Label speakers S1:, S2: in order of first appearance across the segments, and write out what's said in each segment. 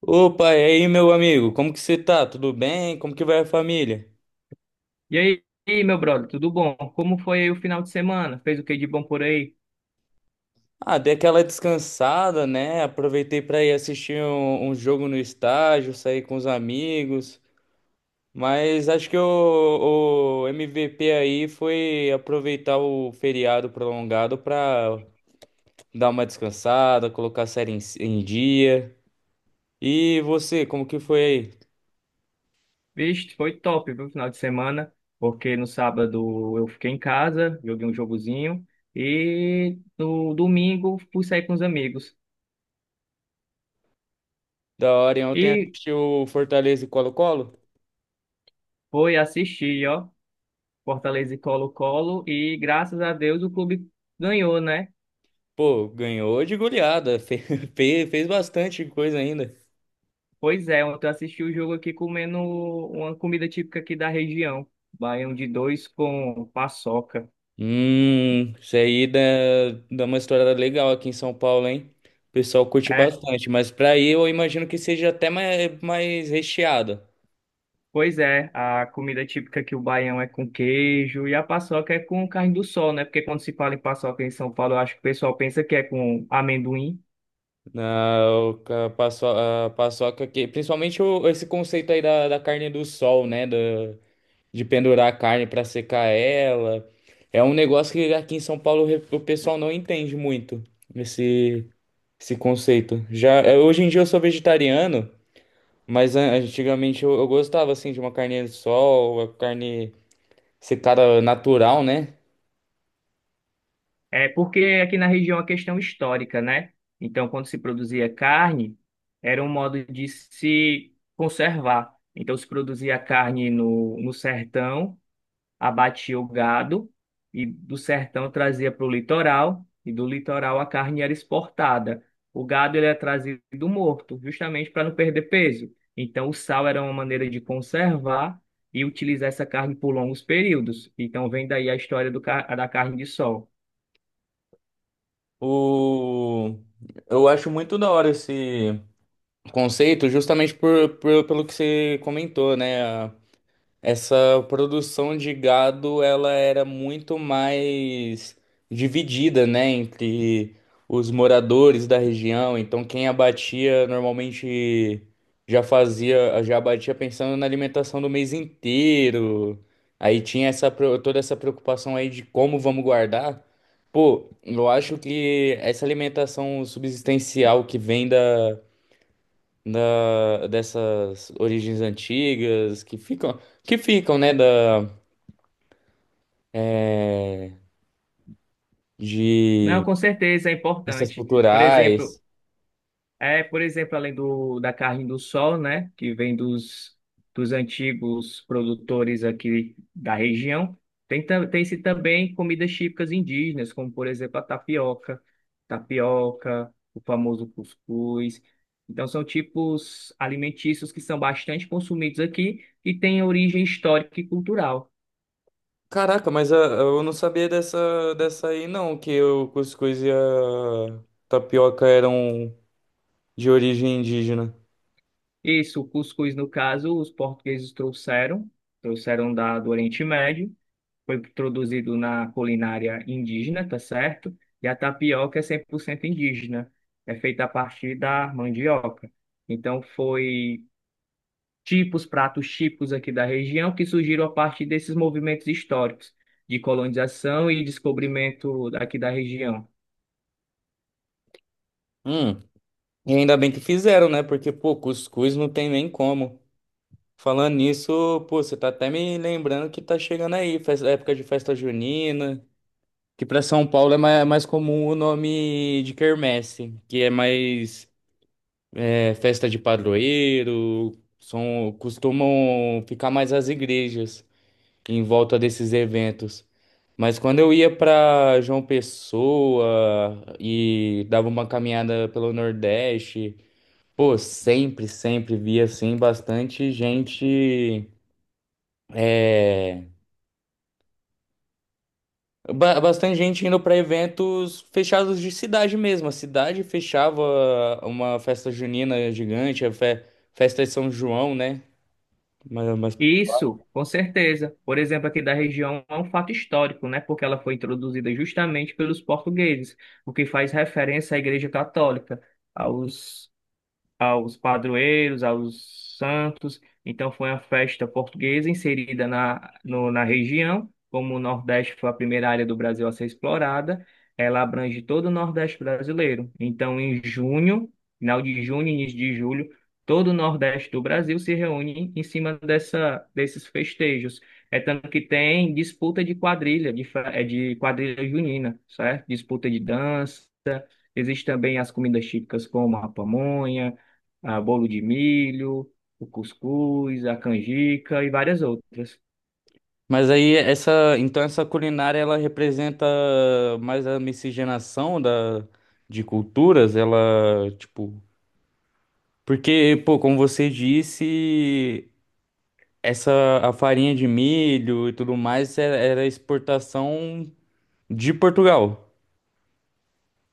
S1: Opa, e aí, meu amigo? Como que você tá? Tudo bem? Como que vai a família?
S2: E aí, meu brother, tudo bom? Como foi aí o final de semana? Fez o que de bom por aí?
S1: Ah, dei aquela descansada, né? Aproveitei para ir assistir um jogo no estádio, sair com os amigos. Mas acho que o MVP aí foi aproveitar o feriado prolongado para dar uma descansada, colocar a série em dia. E você, como que foi aí?
S2: Vixe, foi top, viu, o final de semana, porque no sábado eu fiquei em casa, joguei um jogozinho, e no domingo fui sair com os amigos.
S1: Da hora, hein? Ontem
S2: E
S1: assistiu o Fortaleza e Colo-Colo?
S2: foi assistir, ó, Fortaleza e Colo-Colo, e graças a Deus o clube ganhou, né?
S1: Pô, ganhou de goleada, fez bastante coisa ainda.
S2: Pois é, ontem eu assisti o jogo aqui comendo uma comida típica aqui da região, baião de dois com paçoca.
S1: Isso aí dá uma história legal aqui em São Paulo, hein? O pessoal curte
S2: É,
S1: bastante, mas pra aí eu imagino que seja até mais, mais recheado.
S2: pois é, a comida típica aqui, o baião é com queijo e a paçoca é com carne do sol, né? Porque quando se fala em paçoca em São Paulo, eu acho que o pessoal pensa que é com amendoim.
S1: Na, a paçoca que, principalmente esse conceito aí da carne do sol, né? Da, de pendurar a carne pra secar ela. É um negócio que aqui em São Paulo o pessoal não entende muito. Esse conceito. Já, é, hoje em dia eu sou vegetariano, mas antigamente eu gostava assim de uma carne de sol, a carne secada natural, né?
S2: É porque aqui na região é uma questão histórica, né? Então, quando se produzia carne, era um modo de se conservar. Então, se produzia carne no sertão, abatia o gado e do sertão trazia para o litoral e do litoral a carne era exportada. O gado ele era trazido morto, justamente para não perder peso. Então o sal era uma maneira de conservar e utilizar essa carne por longos períodos. Então vem daí a história da carne de sol.
S1: O, eu acho muito da hora esse conceito, justamente por, pelo que você comentou, né? Essa produção de gado, ela era muito mais dividida, né, entre os moradores da região. Então, quem abatia normalmente já fazia, já abatia pensando na alimentação do mês inteiro. Aí tinha essa, toda essa preocupação aí de como vamos guardar. Pô, eu acho que essa alimentação subsistencial que vem da da, dessas origens antigas que ficam, né, da,
S2: Não,
S1: de
S2: com certeza é
S1: essas
S2: importante. Por exemplo,
S1: culturais.
S2: é, por exemplo, da carne do sol, né, que vem dos antigos produtores aqui da região, tem-se também comidas típicas indígenas, como, por exemplo, a tapioca, tapioca, o famoso cuscuz. Então, são tipos alimentícios que são bastante consumidos aqui e têm origem histórica e cultural.
S1: Caraca, mas ah, eu não sabia dessa, dessa aí não, que o cuscuz e a tapioca eram de origem indígena.
S2: Isso, o cuscuz, no caso, os portugueses trouxeram, trouxeram do Oriente Médio, foi introduzido na culinária indígena, tá certo? E a tapioca é 100% indígena, é feita a partir da mandioca. Então, foi tipos, pratos típicos aqui da região que surgiram a partir desses movimentos históricos de colonização e descobrimento aqui da região.
S1: Hum, e ainda bem que fizeram, né? Porque, pô, cuscuz não tem nem como. Falando nisso, pô, você tá até me lembrando que tá chegando aí, época de festa junina. Que para São Paulo é mais, mais comum o nome de quermesse, que é mais é, festa de padroeiro, são, costumam ficar mais as igrejas em volta desses eventos. Mas quando eu ia para João Pessoa e dava uma caminhada pelo Nordeste, pô, sempre, sempre via assim bastante gente é, Bastante gente indo para eventos fechados de cidade mesmo. A cidade fechava uma festa junina gigante, a festa de São João, né? Mas, mas,
S2: Isso, com certeza. Por exemplo, aqui da região é um fato histórico, né? Porque ela foi introduzida justamente pelos portugueses, o que faz referência à Igreja Católica, aos aos padroeiros, aos santos. Então foi uma festa portuguesa inserida na, no- na região. Como o Nordeste foi a primeira área do Brasil a ser explorada, ela abrange todo o Nordeste brasileiro. Então, em junho, final de junho, início de julho, todo o Nordeste do Brasil se reúne em cima dessa, desses festejos. É tanto que tem disputa de quadrilha, é de quadrilha junina, certo? Disputa de dança. Existem também as comidas típicas como a pamonha, a bolo de milho, o cuscuz, a canjica e várias outras.
S1: mas aí essa, então essa culinária ela representa mais a miscigenação da, de culturas, ela tipo, porque, pô, como você disse, essa a farinha de milho e tudo mais era era exportação de Portugal.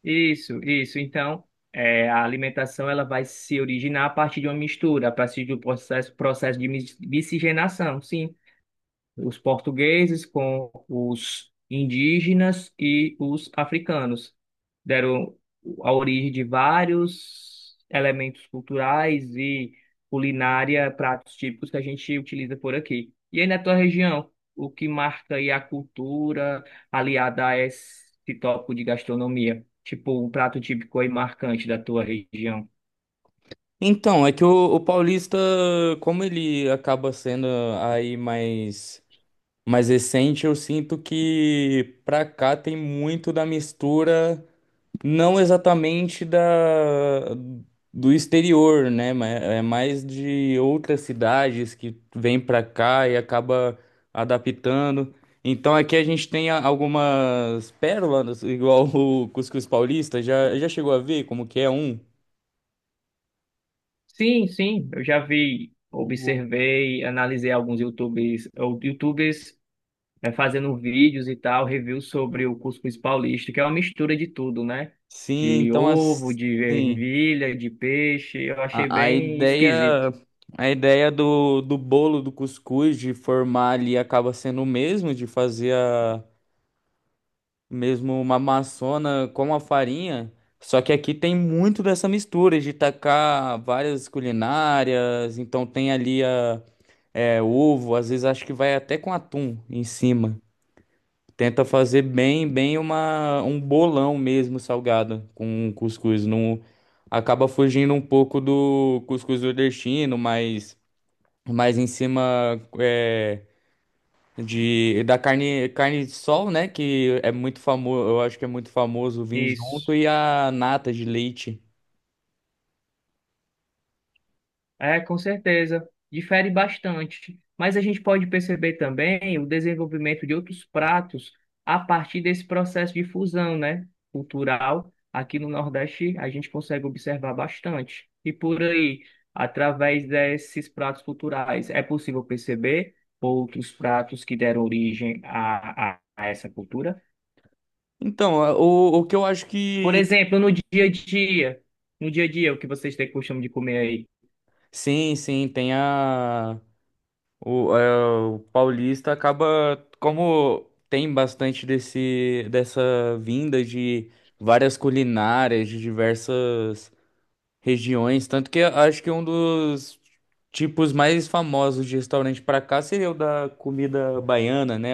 S2: Isso, isso. Então, é, a alimentação ela vai se originar a partir de uma mistura, a partir do processo de miscigenação, sim. Os portugueses com os indígenas e os africanos deram a origem de vários elementos culturais e culinária, pratos típicos que a gente utiliza por aqui. E aí na tua região, o que marca aí a cultura aliada a esse tópico de gastronomia? Tipo, um prato típico aí marcante da tua região?
S1: Então, é que o Paulista, como ele acaba sendo aí mais, mais recente, eu sinto que pra cá tem muito da mistura, não exatamente da, do exterior, né? Mas é mais de outras cidades que vêm pra cá e acaba adaptando. Então aqui a gente tem algumas pérolas, igual o Cuscuz Paulista, já, já chegou a ver como que é um?
S2: Sim, sim, eu já vi, observei, analisei alguns YouTubers, é, fazendo vídeos e tal, review sobre o cuscuz paulista, que é uma mistura de tudo, né?
S1: Sim,
S2: De
S1: então
S2: ovo, de
S1: assim,
S2: ervilha, de peixe. Eu achei
S1: a, a
S2: bem
S1: ideia
S2: esquisito.
S1: a ideia do, do bolo do cuscuz de formar ali acaba sendo o mesmo, de fazer a mesmo uma maçona com a farinha, só que aqui tem muito dessa mistura de tacar várias culinárias, então tem ali a é, ovo, às vezes acho que vai até com atum em cima. Tenta fazer bem, bem uma, um bolão mesmo salgado com cuscuz. Não, acaba fugindo um pouco do cuscuz nordestino, mas mais em cima é, de, da carne, carne de sol, né? Que é muito famoso, eu acho que é muito famoso vir junto,
S2: Isso.
S1: e a nata de leite.
S2: É, com certeza. Difere bastante. Mas a gente pode perceber também o desenvolvimento de outros pratos a partir desse processo de fusão, né, cultural. Aqui no Nordeste, a gente consegue observar bastante. E por aí, através desses pratos culturais, é possível perceber outros pratos que deram origem a essa cultura.
S1: Então, o que eu acho
S2: Por
S1: que.
S2: exemplo, no dia a dia, o que vocês têm costume de comer aí?
S1: Sim, sim, tem a. O, é, o paulista acaba, como tem bastante desse, dessa vinda de várias culinárias de diversas regiões, tanto que eu acho que um dos tipos mais famosos de restaurante para cá seria o da comida baiana, né?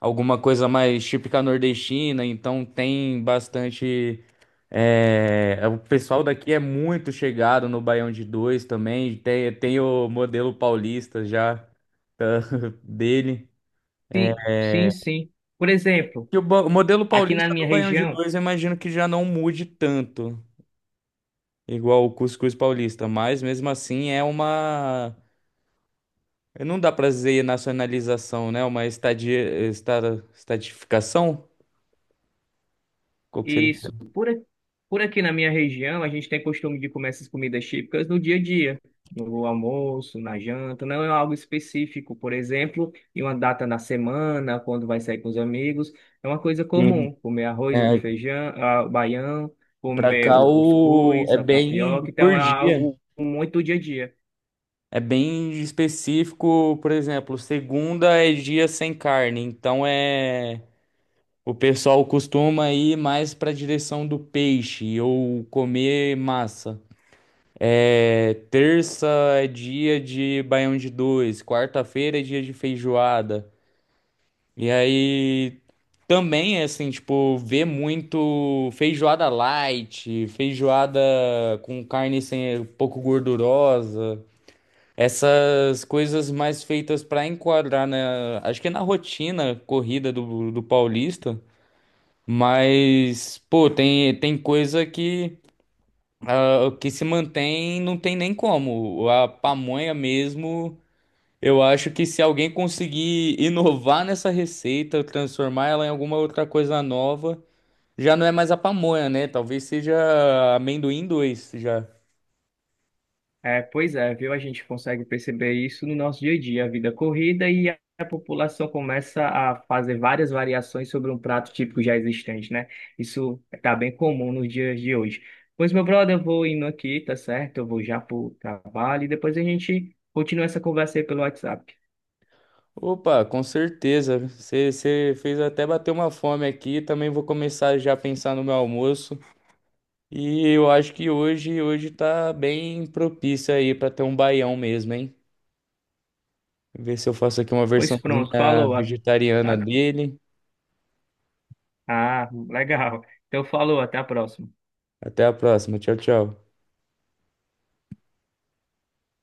S1: Alguma coisa mais típica nordestina, então tem bastante. É, é, o pessoal daqui é muito chegado no Baião de Dois também, tem, tem o modelo paulista já tá, dele.
S2: Sim, sim, sim. Por exemplo,
S1: E o, o modelo
S2: Aqui na
S1: paulista do
S2: minha
S1: Baião de
S2: região,
S1: Dois eu imagino que já não mude tanto, igual o cuscuz paulista, mas mesmo assim é uma. Não dá pra dizer nacionalização, né? Uma estadia, esta, estadificação? Qual que
S2: isso,
S1: seria?
S2: por, a- por aqui na minha região, a gente tem costume de comer essas comidas típicas no dia a dia, no almoço, na janta, não é algo específico, por exemplo, em uma data na semana. Quando vai sair com os amigos, é uma coisa
S1: Sim.
S2: comum, comer arroz e
S1: É,
S2: feijão, ah, baião,
S1: pra
S2: comer
S1: cá
S2: o
S1: o... é
S2: cuscuz, a
S1: bem
S2: tapioca, então
S1: por
S2: é
S1: dia.
S2: algo muito dia a dia.
S1: É bem específico, por exemplo, segunda é dia sem carne, então é o pessoal costuma ir mais para a direção do peixe ou comer massa. É, terça é dia de baião de dois, quarta-feira é dia de feijoada. E aí também assim, tipo, vê muito feijoada light, feijoada com carne sem um pouco gordurosa, essas coisas mais feitas para enquadrar na, acho que é na rotina corrida do, do paulista, mas pô, tem coisa que ah, que se mantém, não tem nem como. A pamonha mesmo eu acho que se alguém conseguir inovar nessa receita, transformar ela em alguma outra coisa nova, já não é mais a pamonha, né? Talvez seja amendoim dois já.
S2: É, pois é, viu? A gente consegue perceber isso no nosso dia a dia, a vida corrida, e a população começa a fazer várias variações sobre um prato típico já existente, né? Isso está bem comum nos dias de hoje. Pois, meu brother, eu vou indo aqui, tá certo? Eu vou já pro trabalho e depois a gente continua essa conversa aí pelo WhatsApp.
S1: Opa, com certeza. Você fez até bater uma fome aqui. Também vou começar já a pensar no meu almoço. E eu acho que hoje tá bem propício aí para ter um baião mesmo, hein? Ver se eu faço aqui uma
S2: Pois pronto,
S1: versãozinha
S2: falou.
S1: vegetariana
S2: A-
S1: dele.
S2: Ah, legal. Então falou, até a próxima.
S1: Até a próxima. Tchau, tchau.